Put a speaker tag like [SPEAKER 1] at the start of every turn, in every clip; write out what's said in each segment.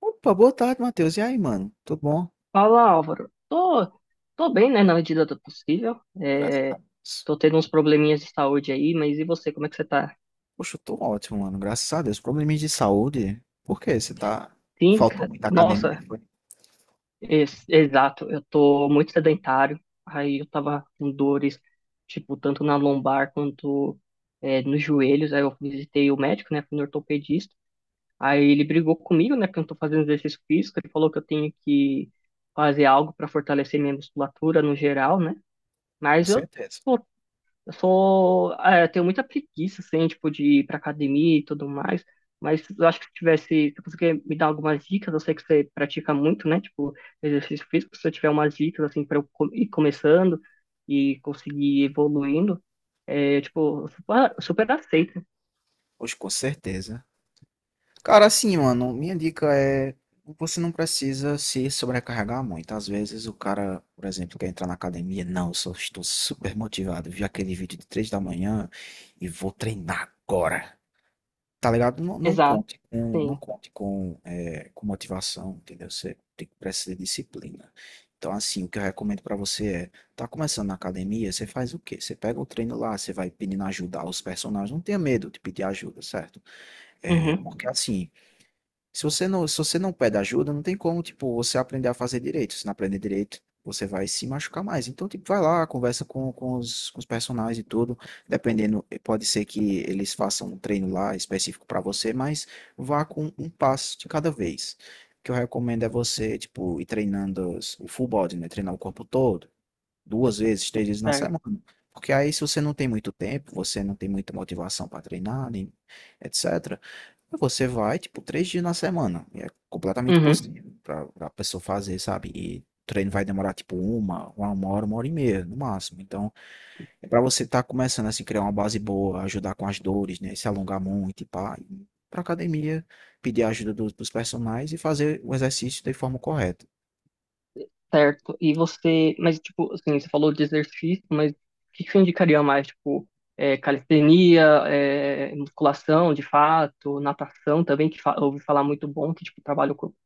[SPEAKER 1] Opa, boa tarde, Matheus. E aí, mano? Tudo bom?
[SPEAKER 2] Fala, Álvaro. Tô bem, né, na medida do possível.
[SPEAKER 1] Graças a Deus.
[SPEAKER 2] Tô tendo uns probleminhas de saúde aí, mas e você, como é que você tá?
[SPEAKER 1] Poxa, eu tô ótimo, mano. Graças a Deus. Probleminha de saúde? Por quê? Você tá.
[SPEAKER 2] Sim,
[SPEAKER 1] Faltou muita academia,
[SPEAKER 2] nossa,
[SPEAKER 1] foi?
[SPEAKER 2] exato. Eu tô muito sedentário. Aí eu tava com dores, tipo, tanto na lombar quanto nos joelhos. Aí eu visitei o médico, né, fui no ortopedista. Aí ele brigou comigo, né, porque eu não tô fazendo exercício físico. Ele falou que eu tenho que fazer algo para fortalecer minha musculatura no geral, né?
[SPEAKER 1] Com
[SPEAKER 2] Mas eu
[SPEAKER 1] certeza.
[SPEAKER 2] pô, eu tenho muita preguiça, assim, tipo, de ir pra academia e tudo mais. Mas eu acho que se você quer me dar algumas dicas, eu sei que você pratica muito, né? Tipo, exercício físico, se eu tiver umas dicas, assim, pra eu ir começando e conseguir ir evoluindo, tipo, eu super, super aceito.
[SPEAKER 1] Poxa, com certeza. Cara, assim, mano, minha dica é. Você não precisa se sobrecarregar muito. Às vezes o cara, por exemplo, quer entrar na academia. Não, eu só estou super motivado. Vi aquele vídeo de três da manhã e vou treinar agora. Tá ligado? Não, não
[SPEAKER 2] Exato,
[SPEAKER 1] conte com, não
[SPEAKER 2] sim.
[SPEAKER 1] conte com, eh, com motivação, entendeu? Você tem que precisar de disciplina. Então, assim, o que eu recomendo pra você é, tá começando na academia, você faz o quê? Você pega o treino lá, você vai pedindo ajuda aos personagens, não tenha medo de pedir ajuda, certo? É,
[SPEAKER 2] Uhum,
[SPEAKER 1] porque assim, se você não pede ajuda, não tem como, tipo, você aprender a fazer direito. Se não aprender direito, você vai se machucar mais. Então, tipo, vai lá, conversa com os personagens e tudo. Dependendo, pode ser que eles façam um treino lá específico pra você, mas vá com um passo de cada vez. O que eu recomendo é você, tipo, ir treinando o full body, né? Treinar o corpo todo, duas vezes, três vezes na
[SPEAKER 2] certo.
[SPEAKER 1] semana. Porque aí, se você não tem muito tempo, você não tem muita motivação para treinar, nem etc. Você vai, tipo, três dias na semana. E é completamente
[SPEAKER 2] Uhum.
[SPEAKER 1] possível pra pessoa fazer, sabe? E o treino vai demorar, tipo, uma hora, uma hora e meia, no máximo. Então, é pra você estar começando, assim, criar uma base boa, ajudar com as dores, né? Se alongar muito e pá. E ir pra academia, pedir a ajuda dos personagens e fazer o exercício de forma correta.
[SPEAKER 2] Certo. E você, mas tipo, assim, você falou de exercício, mas o que que você indicaria mais? Tipo, calistenia, musculação, de fato, natação também, que fa eu ouvi falar muito bom, que tipo, trabalha o corpo,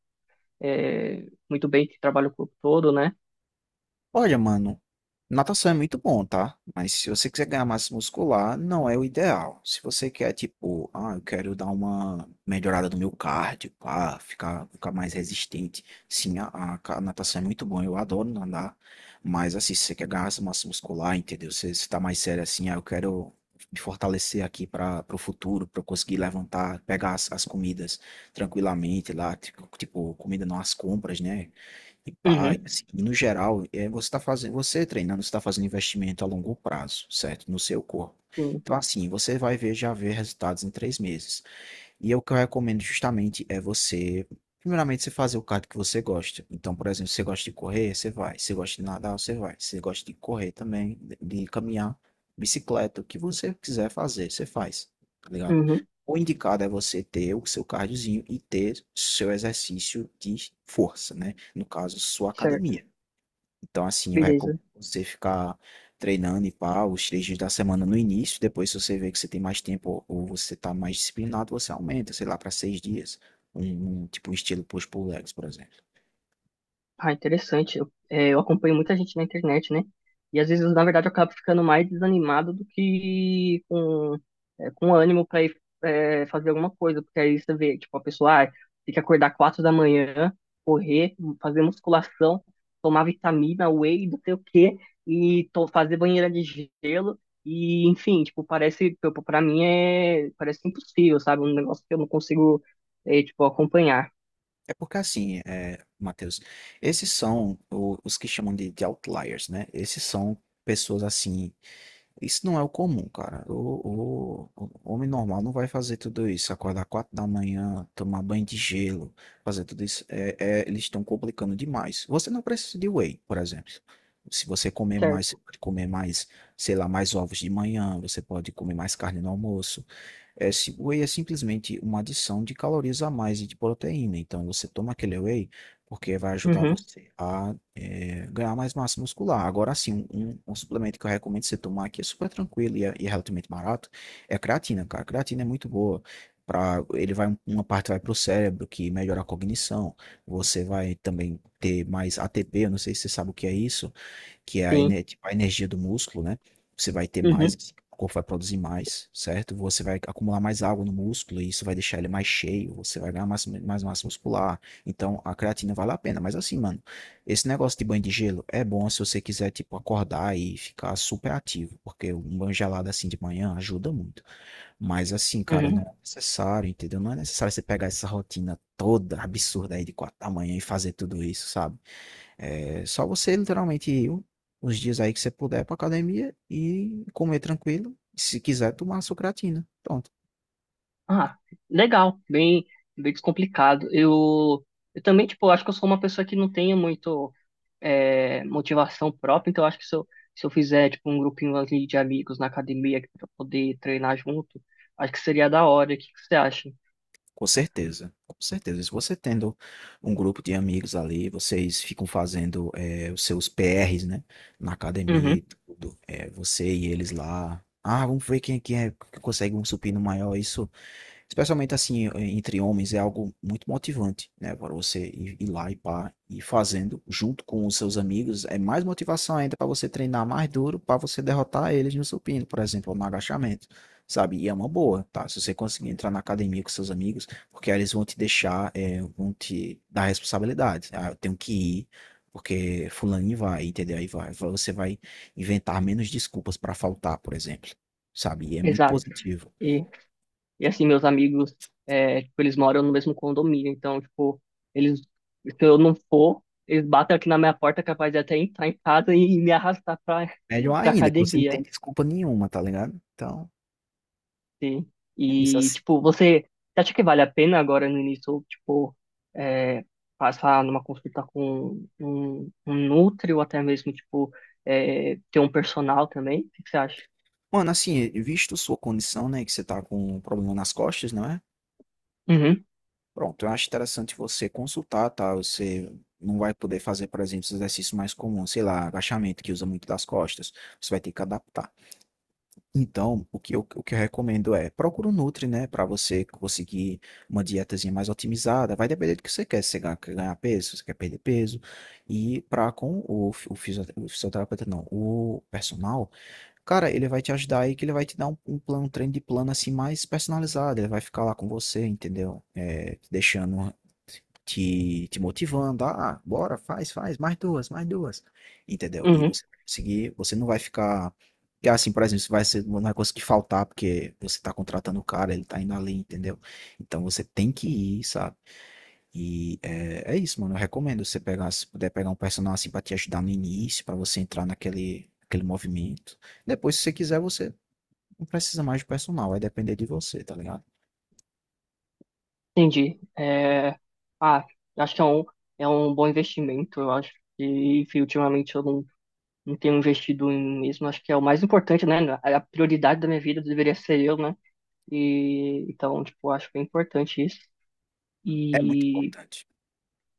[SPEAKER 2] muito bem, que trabalha o corpo todo, né?
[SPEAKER 1] Olha, mano, natação é muito bom, tá? Mas se você quiser ganhar massa muscular, não é o ideal. Se você quer, tipo, ah, eu quero dar uma melhorada no meu cardio, pá, ficar mais resistente. Sim, a natação é muito bom, eu adoro nadar. Mas, assim, se você quer ganhar essa massa muscular, entendeu? Se você tá mais sério assim, ah, eu quero me fortalecer aqui para o futuro, para eu conseguir levantar, pegar as comidas tranquilamente lá, tipo, comida não as compras, né? E pai,
[SPEAKER 2] Uhum,
[SPEAKER 1] assim, e no geral, é, você está fazendo, você treinando, está fazendo investimento a longo prazo, certo? No seu corpo.
[SPEAKER 2] sim.
[SPEAKER 1] Então, assim, já ver resultados em três meses. E o que eu recomendo justamente é você, primeiramente, você fazer o cardio que você gosta. Então, por exemplo, se você gosta de correr, você vai. Se você gosta de nadar, você vai. Se você gosta de correr também, de caminhar, bicicleta, o que você quiser fazer, você faz. Tá ligado?
[SPEAKER 2] Uhum,
[SPEAKER 1] O indicado é você ter o seu cardiozinho e ter seu exercício de força, né? No caso, sua
[SPEAKER 2] certo.
[SPEAKER 1] academia. Então, assim, eu
[SPEAKER 2] Beleza.
[SPEAKER 1] recomendo você ficar treinando e pá, os três dias da semana no início. Depois, se você vê que você tem mais tempo ou você tá mais disciplinado, você aumenta, sei lá, para seis dias. Tipo um estilo push pull legs, por exemplo.
[SPEAKER 2] Ah, interessante. Eu acompanho muita gente na internet, né? E às vezes, na verdade, eu acabo ficando mais desanimado do que com ânimo pra ir fazer alguma coisa. Porque aí você vê, tipo, a pessoa ah, tem que acordar 4 da manhã, correr, fazer musculação, tomar vitamina, whey, não sei o quê, e fazer banheira de gelo. E, enfim, tipo, parece, tipo, pra mim parece impossível, sabe? Um negócio que eu não consigo, tipo, acompanhar.
[SPEAKER 1] É porque assim, é, Matheus, esses são os que chamam de outliers, né? Esses são pessoas assim. Isso não é o comum, cara. O homem normal não vai fazer tudo isso. Acordar quatro da manhã, tomar banho de gelo, fazer tudo isso. É, eles estão complicando demais. Você não precisa de whey, por exemplo. Se você comer mais,
[SPEAKER 2] Certo.
[SPEAKER 1] você pode comer mais, sei lá, mais ovos de manhã, você pode comer mais carne no almoço. É, o whey é simplesmente uma adição de calorias a mais e de proteína. Então, você toma aquele whey porque vai ajudar
[SPEAKER 2] Uhum,
[SPEAKER 1] você a ganhar mais massa muscular. Agora, sim, um suplemento que eu recomendo você tomar, que é super tranquilo e é relativamente barato, é a creatina, cara. A creatina é muito boa. Pra, ele vai, uma parte vai para o cérebro, que melhora a cognição. Você vai também ter mais ATP, eu não sei se você sabe o que é isso, que é a,
[SPEAKER 2] sim.
[SPEAKER 1] ene- tipo, a energia do músculo, né? Você vai ter mais,
[SPEAKER 2] Uhum,
[SPEAKER 1] assim, o corpo vai produzir mais, certo? Você vai acumular mais água no músculo e isso vai deixar ele mais cheio, você vai ganhar mais massa muscular. Então, a creatina vale a pena. Mas assim, mano, esse negócio de banho de gelo é bom se você quiser, tipo, acordar e ficar super ativo, porque um banho gelado assim de manhã ajuda muito. Mas assim, cara, não
[SPEAKER 2] uhum.
[SPEAKER 1] é necessário, entendeu? Não é necessário você pegar essa rotina toda absurda aí de quatro da manhã e fazer tudo isso, sabe? É só você literalmente ir os dias aí que você puder pra academia e comer tranquilo. E se quiser, tomar sua creatina. Pronto.
[SPEAKER 2] Ah, legal, bem, bem descomplicado. Eu também, tipo, acho que eu sou uma pessoa que não tenho muito motivação própria, então eu acho que se eu fizer, tipo, um grupinho ali de amigos na academia para poder treinar junto, acho que seria da hora. O que que você acha?
[SPEAKER 1] Com certeza. Com certeza. Se você tendo um grupo de amigos ali, vocês ficam fazendo os seus PRs, né? Na academia
[SPEAKER 2] Uhum,
[SPEAKER 1] e tudo. Você e eles lá. Ah, vamos ver quem é que consegue um supino maior. Isso, especialmente assim, entre homens, é algo muito motivante, né? Para você ir lá e pá, ir fazendo junto com os seus amigos, é mais motivação ainda para você treinar mais duro, para você derrotar eles no supino, por exemplo, ou no agachamento, sabe? E é uma boa, tá? Se você conseguir entrar na academia com seus amigos, porque aí eles vão te deixar, é, vão te dar responsabilidade, né? Ah, eu tenho que ir, porque fulaninho vai, entendeu? Aí vai, você vai inventar menos desculpas para faltar, por exemplo, sabe? E é muito
[SPEAKER 2] exato.
[SPEAKER 1] positivo.
[SPEAKER 2] E, e assim, meus amigos, tipo, eles moram no mesmo condomínio, então, tipo, eles, se eu não for, eles batem aqui na minha porta, capaz de até entrar em casa e me arrastar pra,
[SPEAKER 1] Melhor
[SPEAKER 2] pra
[SPEAKER 1] ainda, que você não
[SPEAKER 2] academia.
[SPEAKER 1] tem desculpa nenhuma, tá ligado? Então,
[SPEAKER 2] Sim.
[SPEAKER 1] é isso,
[SPEAKER 2] E,
[SPEAKER 1] assi
[SPEAKER 2] tipo, você acha que vale a pena agora no início, tipo, é, passar numa consulta com um nutri ou até mesmo, tipo, é, ter um personal também? O que que você acha?
[SPEAKER 1] mano, assim, visto sua condição, né, que você tá com um problema nas costas, não é?
[SPEAKER 2] Uhum,
[SPEAKER 1] Pronto, eu acho interessante você consultar, tá? Você não vai poder fazer, por exemplo, os exercícios mais comuns, sei lá, agachamento, que usa muito das costas, você vai ter que adaptar. Então, o que eu recomendo é procura um Nutri, né, para você conseguir uma dietazinha mais otimizada. Vai depender do que você quer. Se você quer ganhar peso, se você quer perder peso. E para com o o fisioterapeuta, não, o personal, cara, ele vai te ajudar aí, que ele vai te dar um plano, um treino de plano assim mais personalizado. Ele vai ficar lá com você, entendeu? É, te deixando te motivando. Ah, bora, faz, mais duas. Entendeu? E
[SPEAKER 2] uhum,
[SPEAKER 1] você vai conseguir, você não vai ficar. Que assim, por exemplo, não vai conseguir faltar porque você está contratando o cara, ele está indo ali, entendeu? Então você tem que ir, sabe? É isso, mano. Eu recomendo você pegar, se puder pegar um personal assim pra te ajudar no início, pra você entrar aquele movimento. Depois, se você quiser, você não precisa mais de personal, vai depender de você, tá ligado?
[SPEAKER 2] entendi. É, ah, acho que é um bom investimento, eu acho. E, enfim, ultimamente eu não tenho investido em mim mesmo, acho que é o mais importante, né? A prioridade da minha vida deveria ser eu, né? E, então, tipo, acho que é importante isso.
[SPEAKER 1] É muito
[SPEAKER 2] E
[SPEAKER 1] importante.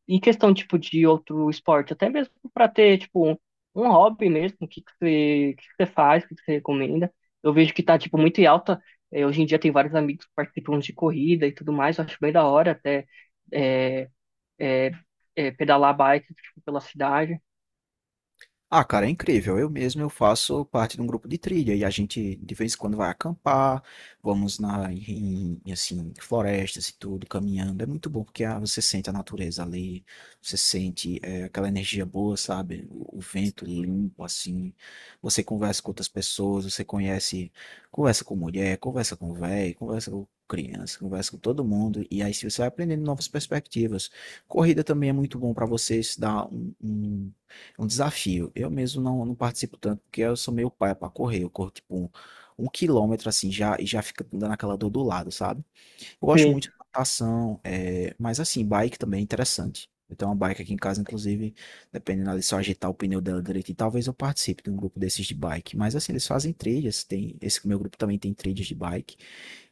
[SPEAKER 2] em questão, tipo, de outro esporte, até mesmo para ter, tipo, um hobby mesmo, o que que você faz, o que que você recomenda. Eu vejo que tá, tipo, muito em alta. Hoje em dia tem vários amigos que participam de corrida e tudo mais, eu acho bem da hora até eh, eh, pedalar bike, tipo, pela cidade.
[SPEAKER 1] Ah, cara, é incrível. Eu mesmo eu faço parte de um grupo de trilha e a gente de vez em quando vai acampar, vamos em assim, florestas e tudo, caminhando. É muito bom porque ah, você sente a natureza ali, você sente aquela energia boa, sabe? O vento limpo assim. Você conversa com outras pessoas, você conhece, conversa com mulher, conversa com velho, conversa com criança, conversa com todo mundo e aí você vai aprendendo novas perspectivas. Corrida também é muito bom para você se dar é um desafio. Eu mesmo não participo tanto, porque eu sou meio paia pra correr. Eu corro tipo um quilômetro assim já e já fica dando aquela dor do lado, sabe? Eu gosto
[SPEAKER 2] Sim.
[SPEAKER 1] muito de natação, é, mas assim, bike também é interessante. Eu tenho uma bike aqui em casa, inclusive, dependendo ali, se eu ajeitar o pneu dela direitinho, talvez eu participe de um grupo desses de bike. Mas assim, eles fazem trilhas, tem, esse meu grupo também tem trilhas de bike.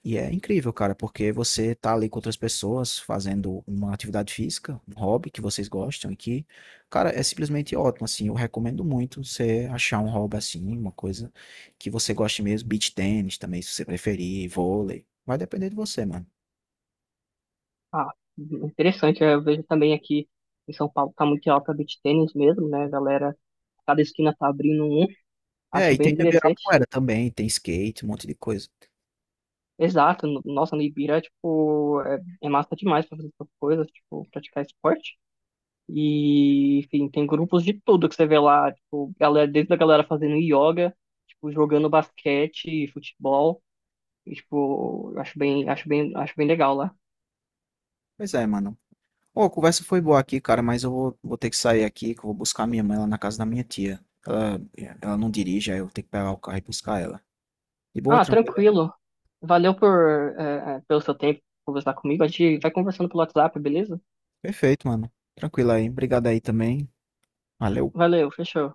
[SPEAKER 1] E é incrível, cara, porque você tá ali com outras pessoas fazendo uma atividade física, um hobby que vocês gostam e que, cara, é simplesmente ótimo, assim, eu recomendo muito você achar um hobby assim, uma coisa que você goste mesmo, beach tênis também, se você preferir, vôlei, vai depender de você, mano.
[SPEAKER 2] Ah, interessante, eu vejo também aqui em São Paulo tá muito em alta beach tênis mesmo, né, galera? Cada esquina tá abrindo um,
[SPEAKER 1] É,
[SPEAKER 2] acho
[SPEAKER 1] e
[SPEAKER 2] bem
[SPEAKER 1] tem do
[SPEAKER 2] interessante.
[SPEAKER 1] Ibirapuera também, tem skate, um monte de coisa.
[SPEAKER 2] Exato, nossa, no Ibira, tipo, é massa demais pra fazer essas coisas, tipo, praticar esporte. E, enfim, tem grupos de tudo que você vê lá, tipo, galera, desde a galera fazendo yoga, tipo, jogando basquete, futebol, e, tipo, eu acho bem legal lá.
[SPEAKER 1] Pois é, mano. Ô, a conversa foi boa aqui, cara, mas eu vou, vou ter que sair aqui, que eu vou buscar minha mãe lá na casa da minha tia. Ela, ela não dirige, aí eu tenho que pegar o carro e buscar ela. De boa,
[SPEAKER 2] Ah,
[SPEAKER 1] tranquilo.
[SPEAKER 2] tranquilo. Valeu pelo seu tempo conversar comigo. A gente vai conversando pelo WhatsApp, beleza?
[SPEAKER 1] Perfeito, mano. Tranquilo aí. Obrigado aí também. Valeu.
[SPEAKER 2] Valeu, fechou.